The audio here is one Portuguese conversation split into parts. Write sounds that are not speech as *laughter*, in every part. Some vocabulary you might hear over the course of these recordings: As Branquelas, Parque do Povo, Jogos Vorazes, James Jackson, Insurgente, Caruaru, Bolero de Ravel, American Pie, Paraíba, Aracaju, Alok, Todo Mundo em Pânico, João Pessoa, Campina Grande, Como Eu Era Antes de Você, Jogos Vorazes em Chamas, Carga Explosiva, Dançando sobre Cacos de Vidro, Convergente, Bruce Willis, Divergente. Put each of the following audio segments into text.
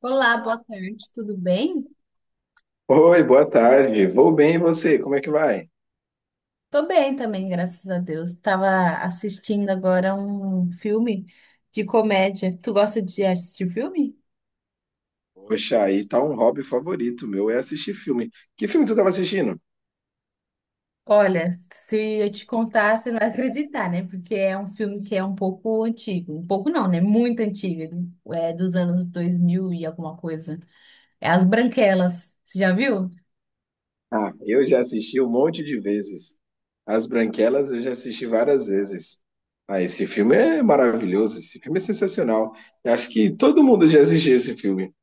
Olá, boa tarde, tudo bem? Oi, boa tarde. Vou bem e você? Como é que vai? Tô bem também, graças a Deus. Tava assistindo agora um filme de comédia. Tu gosta de assistir filme? Poxa, aí tá um hobby favorito meu, é assistir filme. Que filme tu tava assistindo? Olha, se eu te contar, você não vai acreditar, né? Porque é um filme que é um pouco antigo. Um pouco não, né? Muito antigo. É dos anos 2000 e alguma coisa. É As Branquelas. Você já viu? Ah, eu já assisti um monte de vezes. As Branquelas eu já assisti várias vezes. Ah, esse filme é maravilhoso, esse filme é sensacional. Eu acho que todo mundo já assistiu esse filme.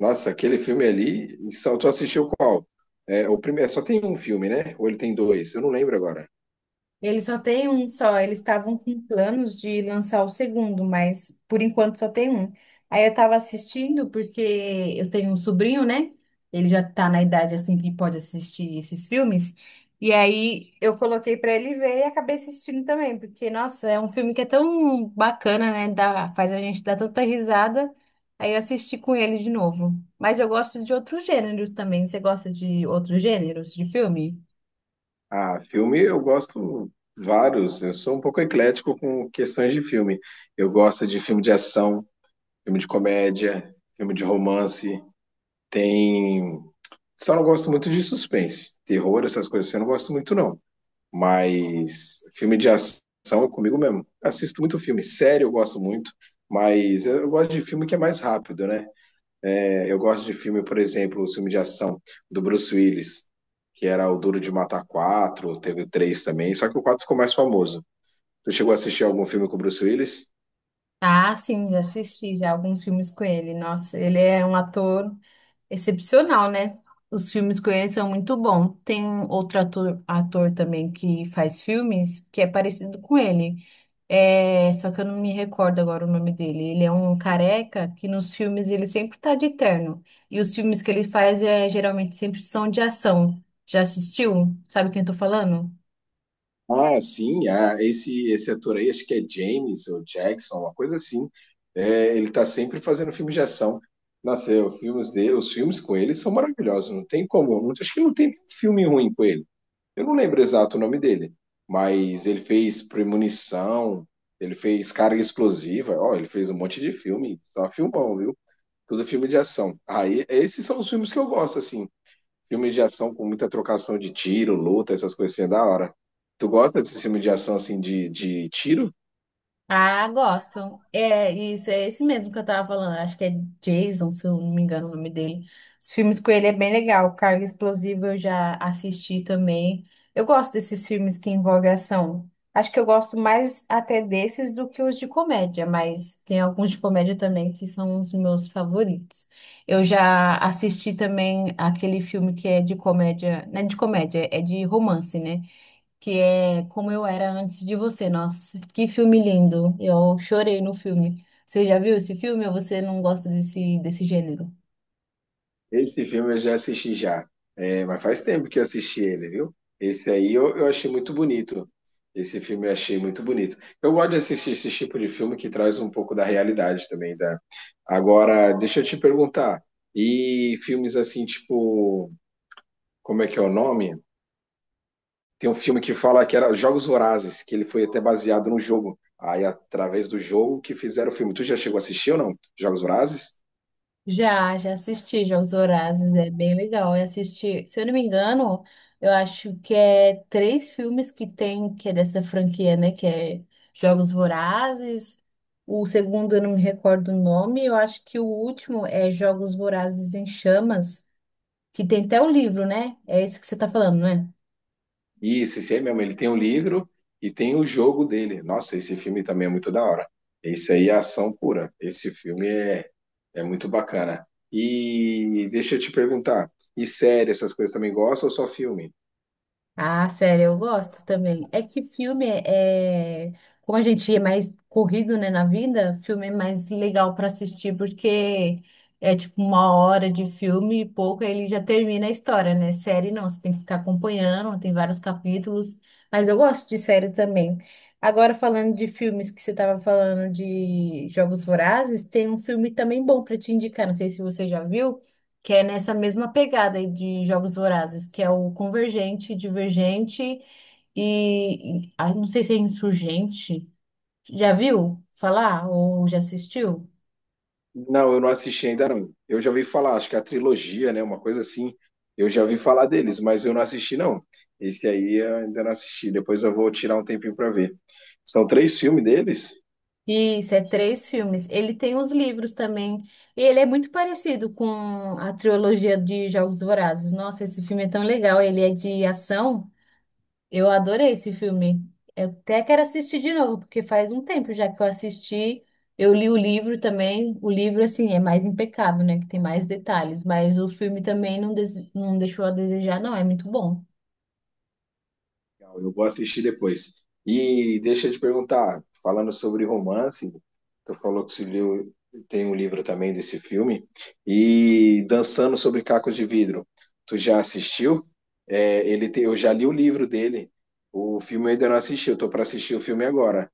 Nossa, aquele filme ali, e só tu assistiu qual? É, o primeiro, só tem um filme, né? Ou ele tem dois? Eu não lembro agora. Eles só tem um só. Eles estavam com planos de lançar o segundo, mas por enquanto só tem um. Aí eu tava assistindo porque eu tenho um sobrinho, né? Ele já tá na idade assim que pode assistir esses filmes. E aí eu coloquei pra ele ver e acabei assistindo também, porque nossa, é um filme que é tão bacana, né? Dá, faz a gente dar tanta risada. Aí eu assisti com ele de novo. Mas eu gosto de outros gêneros também. Você gosta de outros gêneros de filme? Ah, filme eu gosto vários. Eu sou um pouco eclético com questões de filme. Eu gosto de filme de ação, filme de comédia, filme de romance. Tem. Só não gosto muito de suspense, terror, essas coisas, assim. Eu não gosto muito, não. Mas filme de ação é comigo mesmo. Assisto muito filme. Série eu gosto muito. Mas eu gosto de filme que é mais rápido, né? Eu gosto de filme, por exemplo, o filme de ação do Bruce Willis, que era o Duro de Matar 4, teve o 3 também, só que o 4 ficou mais famoso. Tu chegou a assistir algum filme com o Bruce Willis? Ah, sim, já assisti já alguns filmes com ele. Nossa, ele é um ator excepcional, né? Os filmes com ele são muito bons. Tem outro ator também que faz filmes que é parecido com ele. É, só que eu não me recordo agora o nome dele. Ele é um careca que nos filmes ele sempre tá de terno. E os filmes que ele faz é, geralmente sempre são de ação. Já assistiu? Sabe quem eu tô falando? Ah, sim, ah, esse ator aí, acho que é James ou Jackson, uma coisa assim. É, ele tá sempre fazendo filme de ação. Nossa, é, os filmes dele, os filmes com ele são maravilhosos, não tem como. Acho que não tem nenhum filme ruim com ele. Eu não lembro exato o nome dele, mas ele fez Premonição, ele fez Carga Explosiva, ó, ele fez um monte de filme, só filmão, viu? Tudo filme de ação. Aí, esses são os filmes que eu gosto, assim. Filmes de ação com muita trocação de tiro, luta, essas coisas assim, é da hora. Tu gosta desse filme de ação, assim, de tiro? Ah, gosto. É, isso é esse mesmo que eu tava falando. Acho que é Jason, se eu não me engano o nome dele. Os filmes com ele é bem legal. Carga Explosiva eu já assisti também. Eu gosto desses filmes que envolvem ação. Acho que eu gosto mais até desses do que os de comédia, mas tem alguns de comédia também que são os meus favoritos. Eu já assisti também aquele filme que é de comédia, não é de comédia, é de romance, né? Que é Como Eu Era Antes de Você. Nossa, que filme lindo. Eu chorei no filme. Você já viu esse filme ou você não gosta desse gênero? Esse filme eu já assisti já. É, mas faz tempo que eu assisti ele, viu? Esse aí eu achei muito bonito. Esse filme eu achei muito bonito. Eu gosto de assistir esse tipo de filme que traz um pouco da realidade também, da. Agora, deixa eu te perguntar. E filmes assim, tipo, como é que é o nome? Tem um filme que fala que era Jogos Vorazes, que ele foi até baseado num jogo. Aí, através do jogo que fizeram o filme. Tu já chegou a assistir ou não? Jogos Vorazes? Já, já assisti Jogos Vorazes, é bem legal. Eu assisti, se eu não me engano, eu acho que é três filmes que tem, que é dessa franquia, né? Que é Jogos Vorazes. O segundo eu não me recordo o nome, eu acho que o último é Jogos Vorazes em Chamas, que tem até o livro, né? É esse que você tá falando, né? Isso, esse aí mesmo. Ele tem o livro e tem o jogo dele. Nossa, esse filme também é muito da hora. Esse aí é ação pura. Esse filme é muito bacana. E deixa eu te perguntar, e série, essas coisas também gostam ou só filme? Ah, sério, eu gosto também. É que filme como a gente é mais corrido, né, na vida, filme é mais legal para assistir porque é tipo uma hora de filme e pouco, aí ele já termina a história, né? Série não, você tem que ficar acompanhando, tem vários capítulos, mas eu gosto de série também. Agora falando de filmes que você estava falando de Jogos Vorazes, tem um filme também bom para te indicar, não sei se você já viu que é nessa mesma pegada aí de Jogos Vorazes, que é o Convergente, Divergente e não sei se é Insurgente. Já viu falar ou já assistiu? Não, eu não assisti ainda não. Eu já ouvi falar, acho que é a trilogia, né, uma coisa assim. Eu já ouvi falar deles, mas eu não assisti não. Esse aí eu ainda não assisti. Depois eu vou tirar um tempinho para ver. São três filmes deles? Isso, é três filmes. Ele tem os livros também. E ele é muito parecido com a trilogia de Jogos Vorazes. Nossa, esse filme é tão legal. Ele é de ação. Eu adorei esse filme. Eu até quero assistir de novo, porque faz um tempo já que eu assisti. Eu li o livro também. O livro, assim, é mais impecável, né? Que tem mais detalhes. Mas o filme também não, não deixou a desejar, não. É muito bom. Legal, eu vou assistir depois. E deixa eu te perguntar, falando sobre romance, tu falou que você leu, tem um livro também desse filme, e Dançando sobre Cacos de Vidro, tu já assistiu? É, ele tem, eu já li o livro dele. O filme eu ainda não assisti, eu tô para assistir o filme agora,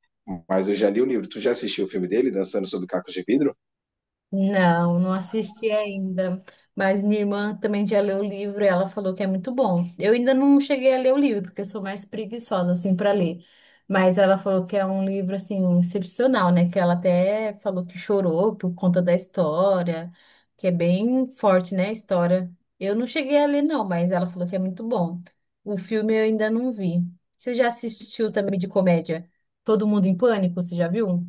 mas eu já li o livro. Tu já assistiu o filme dele, Dançando sobre Cacos de Vidro? Não, não assisti ainda. Mas minha irmã também já leu o livro e ela falou que é muito bom. Eu ainda não cheguei a ler o livro, porque eu sou mais preguiçosa, assim, para ler. Mas ela falou que é um livro, assim, excepcional, né? Que ela até falou que chorou por conta da história, que é bem forte, né, a história. Eu não cheguei a ler, não, mas ela falou que é muito bom. O filme eu ainda não vi. Você já assistiu também de comédia? Todo Mundo em Pânico, você já viu?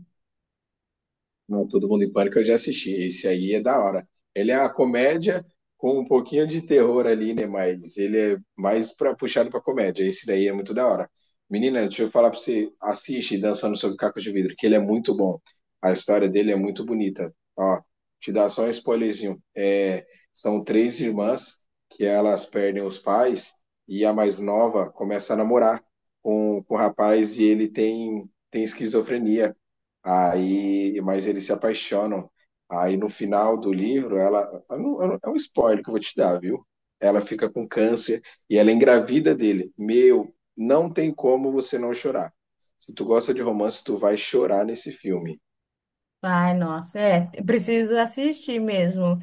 Não, Todo Mundo em Pânico eu já assisti. Esse aí é da hora. Ele é uma comédia com um pouquinho de terror ali, né? Mas ele é mais pra, puxado pra comédia. Esse daí é muito da hora. Menina, deixa eu falar pra você. Assiste Dançando Sobre Caco de Vidro, que ele é muito bom. A história dele é muito bonita. Ó, te dar só um spoilerzinho. É, são três irmãs que elas perdem os pais e a mais nova começa a namorar com o rapaz e ele tem esquizofrenia. Aí, mas eles se apaixonam. Aí no final do livro, ela, eu não- é um spoiler que eu vou te dar, viu? Ela fica com câncer e ela engravida dele. Meu, não tem como você não chorar. Se tu gosta de romance, tu vai chorar nesse filme. Ai, nossa, é, eu preciso assistir mesmo.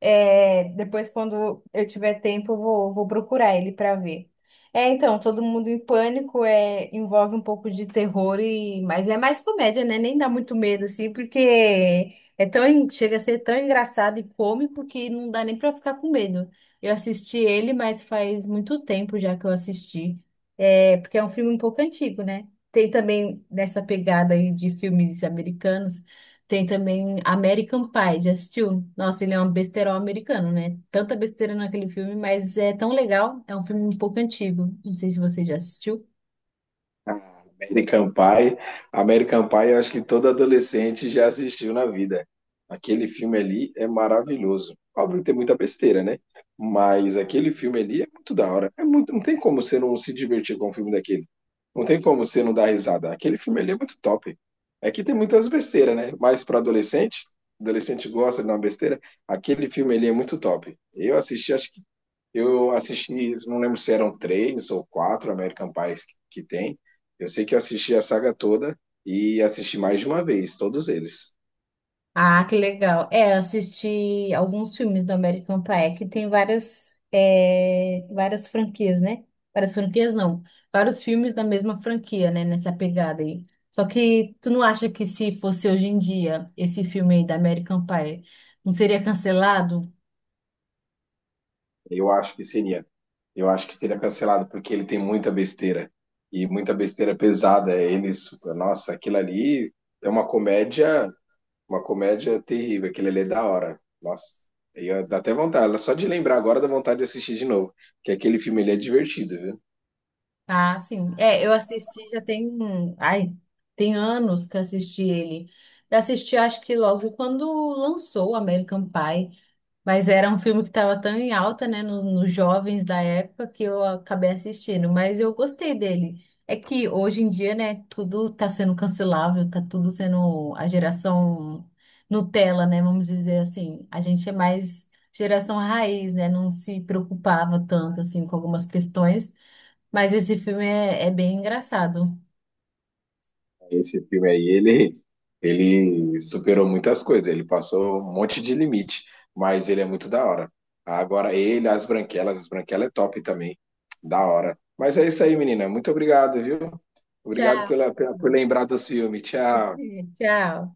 É, depois, quando eu tiver tempo, eu vou procurar ele para ver. É, então, Todo Mundo em Pânico envolve um pouco de terror, mas é mais comédia, né? Nem dá muito medo, assim, porque é tão, chega a ser tão engraçado e cômico que não dá nem para ficar com medo. Eu assisti ele, mas faz muito tempo já que eu assisti. É, porque é um filme um pouco antigo, né? Tem também nessa pegada aí de filmes americanos. Tem também American Pie, já assistiu? Nossa, ele é um besterol americano, né? Tanta besteira naquele filme, mas é tão legal. É um filme um pouco antigo. Não sei se você já assistiu. Ah, American Pie. American Pie, eu acho que todo adolescente já assistiu na vida. Aquele filme ali é maravilhoso. Óbvio que tem muita besteira, né? Mas aquele filme ali é muito da hora. É muito, não tem como você não se divertir com um filme daquele. Não tem como você não dar risada. Aquele filme ali é muito top. É que tem muitas besteiras, né? Mas para adolescente, adolescente gosta de dar uma besteira, aquele filme ali é muito top. Eu assisti, acho que eu assisti, não lembro se eram três ou quatro American Pies que tem. Eu sei que eu assisti a saga toda e assisti mais de uma vez, todos eles. Ah, que legal. É, eu assisti alguns filmes do American Pie, que tem várias franquias, né? Várias franquias, não. Vários filmes da mesma franquia, né? Nessa pegada aí. Só que tu não acha que se fosse hoje em dia esse filme aí da American Pie não seria cancelado? Eu acho que seria, eu acho que seria cancelado porque ele tem muita besteira e muita besteira pesada. Eles, nossa, aquilo ali é uma comédia terrível. Aquilo ali é da hora. Nossa, aí ó, dá até vontade. Só de lembrar agora dá vontade de assistir de novo, que aquele filme ele é divertido, viu? Ah, sim. É, eu assisti já tem, um, ai, tem anos que eu assisti ele. Eu assisti, acho que logo quando lançou o American Pie, mas era um filme que estava tão em alta, né, nos jovens da época que eu acabei assistindo, mas eu gostei dele. É que hoje em dia, né, tudo tá sendo cancelável, tá tudo sendo a geração Nutella, né, vamos dizer assim. A gente é mais geração raiz, né, não se preocupava tanto assim com algumas questões. Mas esse filme é bem engraçado. Esse filme aí, ele superou muitas coisas, ele passou um monte de limite, mas ele é muito da hora. Agora, As Branquelas, As Branquelas é top também, da hora. Mas é isso aí, menina. Muito obrigado, viu? Obrigado Tchau, por lembrar dos filmes. Tchau. *laughs* tchau.